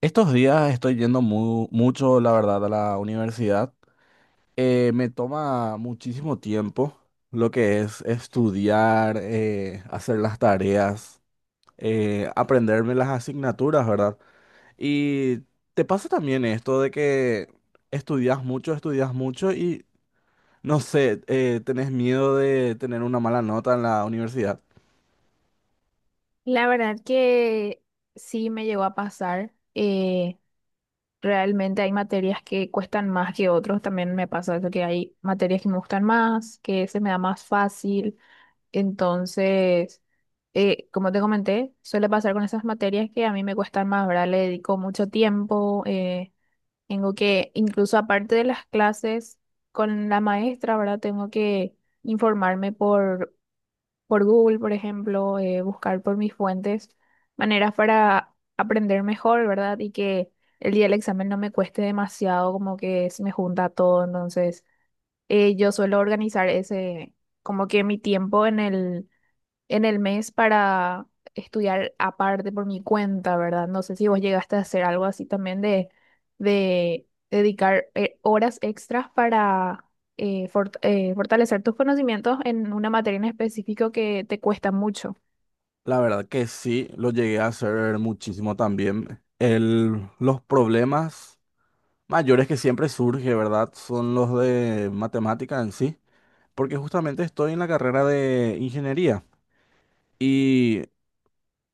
Estos días estoy yendo mucho, la verdad, a la universidad. Me toma muchísimo tiempo lo que es estudiar, hacer las tareas, aprenderme las asignaturas, ¿verdad? Y te pasa también esto de que estudias mucho y, no sé, tenés miedo de tener una mala nota en la universidad. La verdad que sí me llegó a pasar. Realmente hay materias que cuestan más que otros. También me pasa eso, que hay materias que me gustan más, que se me da más fácil. Entonces, como te comenté, suele pasar con esas materias que a mí me cuestan más, ¿verdad? Le dedico mucho tiempo. Tengo que, incluso aparte de las clases con la maestra, ¿verdad? Tengo que informarme por Google, por ejemplo, buscar por mis fuentes maneras para aprender mejor, ¿verdad? Y que el día del examen no me cueste demasiado, como que se me junta todo. Entonces, yo suelo organizar ese, como que mi tiempo en el mes para estudiar aparte por mi cuenta, ¿verdad? No sé si vos llegaste a hacer algo así también de dedicar horas extras para fortalecer tus conocimientos en una materia en específico que te cuesta mucho. La verdad que sí, lo llegué a hacer muchísimo también. Los problemas mayores que siempre surge, ¿verdad? Son los de matemática en sí, porque justamente estoy en la carrera de ingeniería y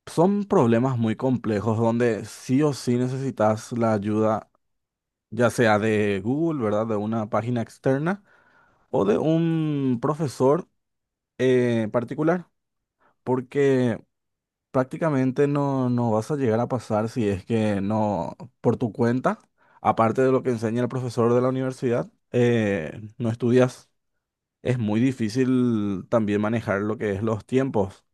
son problemas muy complejos donde sí o sí necesitas la ayuda, ya sea de Google, ¿verdad? De una página externa o de un profesor particular, porque prácticamente no vas a llegar a pasar si es que no por tu cuenta, aparte de lo que enseña el profesor de la universidad, no estudias. Es muy difícil también manejar lo que es los tiempos.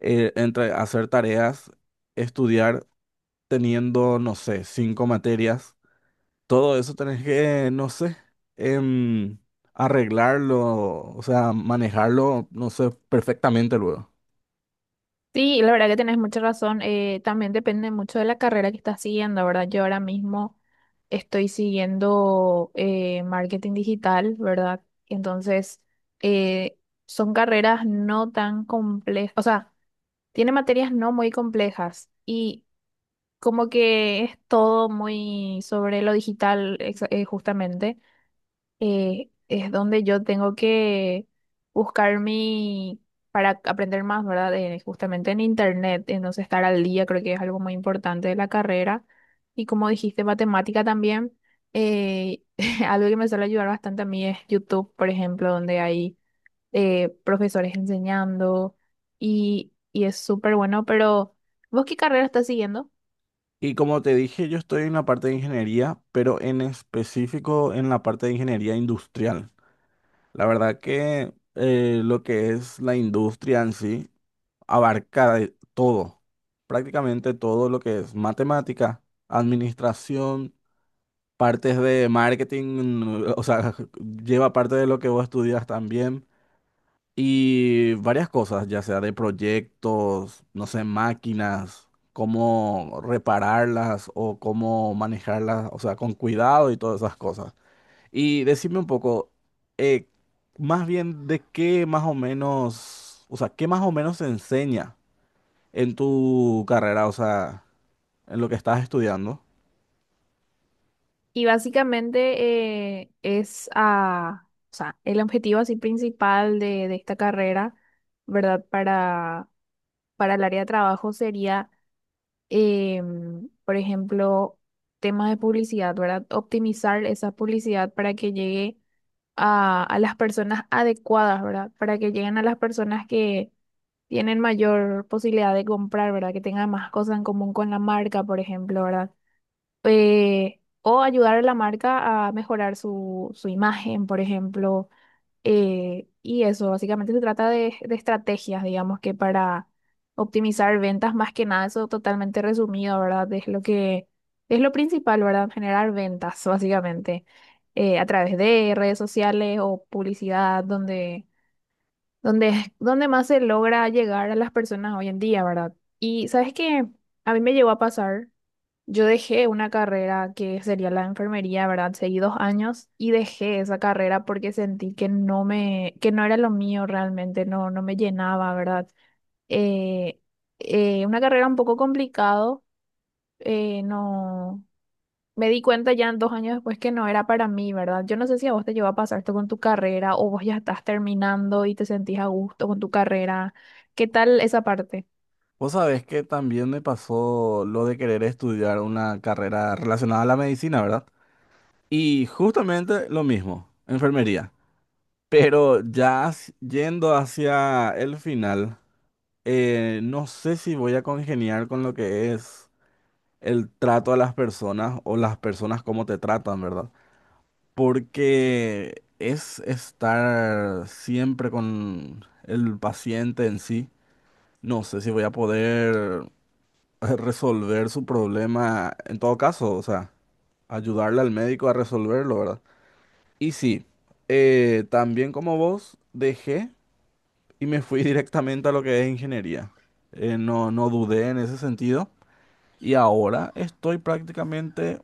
Entre hacer tareas, estudiar teniendo, no sé, 5 materias, todo eso tenés que, no sé, em, arreglarlo, o sea, manejarlo, no sé, perfectamente luego. Sí, la verdad que tenés mucha razón. También depende mucho de la carrera que estás siguiendo, ¿verdad? Yo ahora mismo estoy siguiendo marketing digital, ¿verdad? Entonces, eh, son carreras no tan complejas, o sea, tiene materias no muy complejas y como que es todo muy sobre lo digital, justamente es donde yo tengo que buscar mi, para aprender más, ¿verdad? Justamente en internet, entonces estar al día creo que es algo muy importante de la carrera. Y como dijiste, matemática también, eh, algo que me suele ayudar bastante a mí es YouTube, por ejemplo, donde hay profesores enseñando y es súper bueno, pero ¿vos qué carrera estás siguiendo? Y como te dije, yo estoy en la parte de ingeniería, pero en específico en la parte de ingeniería industrial. La verdad que lo que es la industria en sí abarca de todo, prácticamente todo lo que es matemática, administración, partes de marketing, o sea, lleva parte de lo que vos estudias también y varias cosas, ya sea de proyectos, no sé, máquinas, cómo repararlas o cómo manejarlas, o sea, con cuidado y todas esas cosas. Y decime un poco, eh, más bien de qué más o menos, o sea, qué más o menos se enseña en tu carrera, o sea, en lo que estás estudiando. Y básicamente es a, o sea, el objetivo así principal de esta carrera, ¿verdad? Para el área de trabajo sería, por ejemplo, temas de publicidad, ¿verdad? Optimizar esa publicidad para que llegue a las personas adecuadas, ¿verdad? Para que lleguen a las personas que tienen mayor posibilidad de comprar, ¿verdad? Que tengan más cosas en común con la marca, por ejemplo, ¿verdad? O ayudar a la marca a mejorar su imagen, por ejemplo. Y eso, básicamente se trata de estrategias, digamos que para optimizar ventas, más que nada, eso totalmente resumido, ¿verdad? Es lo principal, ¿verdad? Generar ventas, básicamente, a través de redes sociales o publicidad, donde, donde más se logra llegar a las personas hoy en día, ¿verdad? Y sabes que a mí me llegó a pasar. Yo dejé una carrera que sería la enfermería, ¿verdad? Seguí 2 años y dejé esa carrera porque sentí que que no era lo mío realmente, no me llenaba, ¿verdad? Eh, una carrera un poco complicado, no, me di cuenta ya 2 años después que no era para mí, ¿verdad? Yo no sé si a vos te llevó a pasar esto con tu carrera o vos ya estás terminando y te sentís a gusto con tu carrera. ¿Qué tal esa parte? Vos sabés que también me pasó lo de querer estudiar una carrera relacionada a la medicina, ¿verdad? Y justamente lo mismo, enfermería. Pero ya yendo hacia el final, no sé si voy a congeniar con lo que es el trato a las personas o las personas cómo te tratan, ¿verdad? Porque es estar siempre con el paciente en sí. No sé si voy a poder resolver su problema en todo caso, o sea, ayudarle al médico a resolverlo, ¿verdad? Y sí, también como vos, dejé y me fui directamente a lo que es ingeniería. No dudé en ese sentido y ahora estoy prácticamente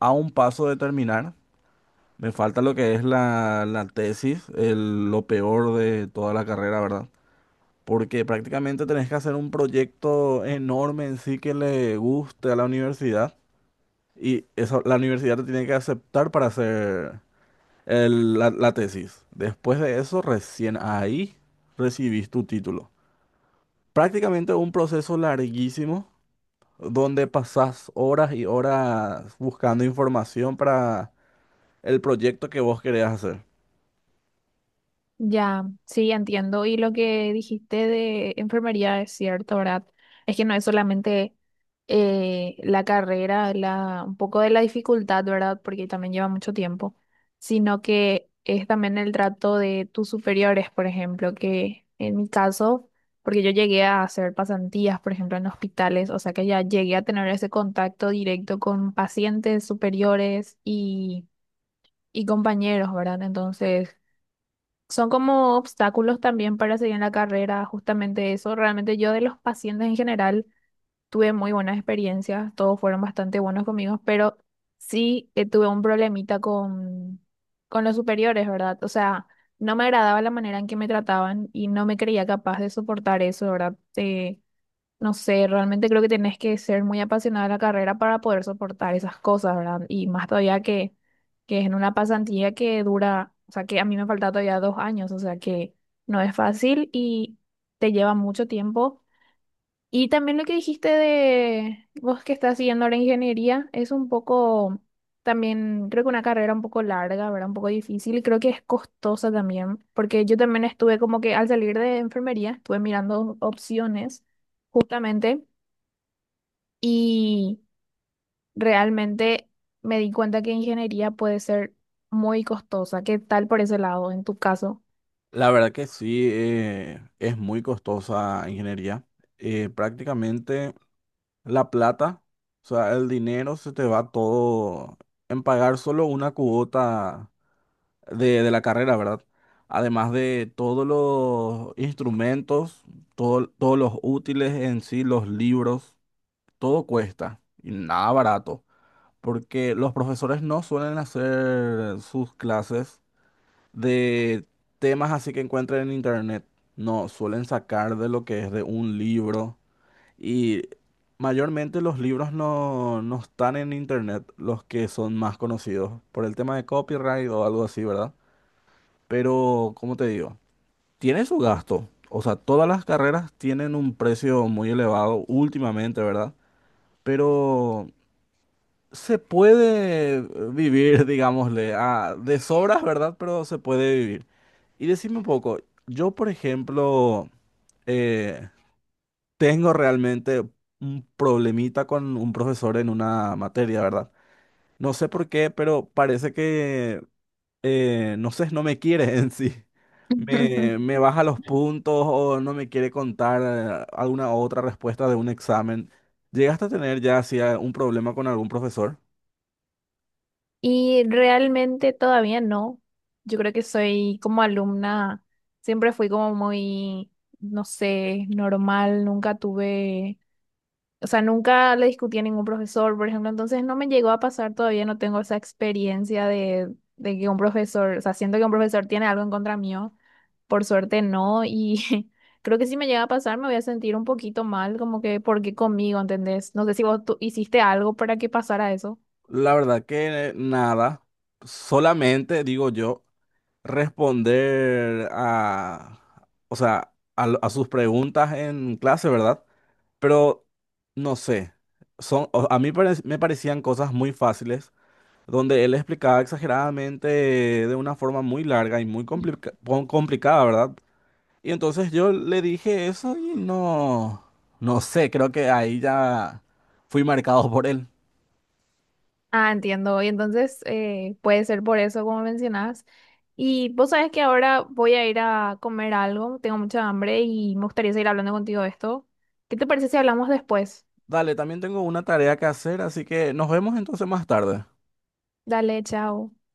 a un paso de terminar. Me falta lo que es la tesis, lo peor de toda la carrera, ¿verdad? Porque prácticamente tenés que hacer un proyecto enorme en sí que le guste a la universidad y eso la universidad te tiene que aceptar para hacer la tesis. Después de eso, recién ahí recibís tu título. Prácticamente un proceso larguísimo donde pasás horas y horas buscando información para el proyecto que vos querés hacer. Ya, sí, entiendo. Y lo que dijiste de enfermería es cierto, ¿verdad? Es que no es solamente la carrera, la, un poco de la dificultad, ¿verdad? Porque también lleva mucho tiempo, sino que es también el trato de tus superiores, por ejemplo, que en mi caso, porque yo llegué a hacer pasantías, por ejemplo, en hospitales, o sea que ya llegué a tener ese contacto directo con pacientes superiores y compañeros, ¿verdad? Entonces, son como obstáculos también para seguir en la carrera, justamente eso. Realmente yo de los pacientes en general tuve muy buenas experiencias, todos fueron bastante buenos conmigo, pero sí tuve un problemita con los superiores, ¿verdad? O sea, no me agradaba la manera en que me trataban y no me creía capaz de soportar eso, ¿verdad? No sé, realmente creo que tenés que ser muy apasionada de la carrera para poder soportar esas cosas, ¿verdad? Y más todavía que es en una pasantía que dura, o sea, que a mí me falta todavía 2 años, o sea, que no es fácil y te lleva mucho tiempo. Y también lo que dijiste de vos que estás siguiendo la ingeniería es un poco, también creo que una carrera un poco larga, ¿verdad? Un poco difícil y creo que es costosa también, porque yo también estuve como que al salir de enfermería, estuve mirando opciones justamente y realmente me di cuenta que ingeniería puede ser muy costosa. ¿Qué tal por ese lado en tu caso? La verdad que sí, es muy costosa ingeniería. Prácticamente… la plata, o sea, el dinero se te va todo en pagar solo una cuota de la carrera, ¿verdad? Además de todos los instrumentos, todos los útiles en sí, los libros, todo cuesta y nada barato, porque los profesores no suelen hacer sus clases de temas así que encuentren en internet, no, suelen sacar de lo que es de un libro. Y mayormente los libros no están en internet, los que son más conocidos, por el tema de copyright o algo así, ¿verdad? Pero, ¿como te digo? Tiene su gasto. O sea, todas las carreras tienen un precio muy elevado últimamente, ¿verdad? Pero se puede vivir, digámosle, a, de sobras, ¿verdad? Pero se puede vivir. Y decime un poco, yo, por ejemplo, eh, tengo realmente un problemita con un profesor en una materia, ¿verdad? No sé por qué, pero parece que, no sé, no me quiere en sí. Me baja los puntos o no me quiere contar alguna otra respuesta de un examen. ¿Llegaste a tener ya así un problema con algún profesor? Y realmente todavía no. Yo creo que soy como alumna, siempre fui como muy, no sé, normal, nunca tuve. O sea, nunca le discutí a ningún profesor, por ejemplo, entonces no me llegó a pasar todavía, no tengo esa experiencia de que un profesor, o sea, siento que un profesor tiene algo en contra mío, por suerte no, y creo que si me llega a pasar me voy a sentir un poquito mal, como que, ¿por qué conmigo? ¿Entendés? No sé si vos tú hiciste algo para que pasara eso. La verdad que nada, solamente digo yo, responder a, o sea, a sus preguntas en clase, ¿verdad? Pero no sé, son, a mí me parecían cosas muy fáciles, donde él explicaba exageradamente de una forma muy larga y muy complicada, ¿verdad? Y entonces yo le dije eso y no, no sé, creo que ahí ya fui marcado por él. Ah, entiendo, y entonces puede ser por eso, como mencionás. Y vos sabés que ahora voy a ir a comer algo, tengo mucha hambre y me gustaría seguir hablando contigo de esto. ¿Qué te parece si hablamos después? Dale, también tengo una tarea que hacer, así que nos vemos entonces más tarde. Dale, chao.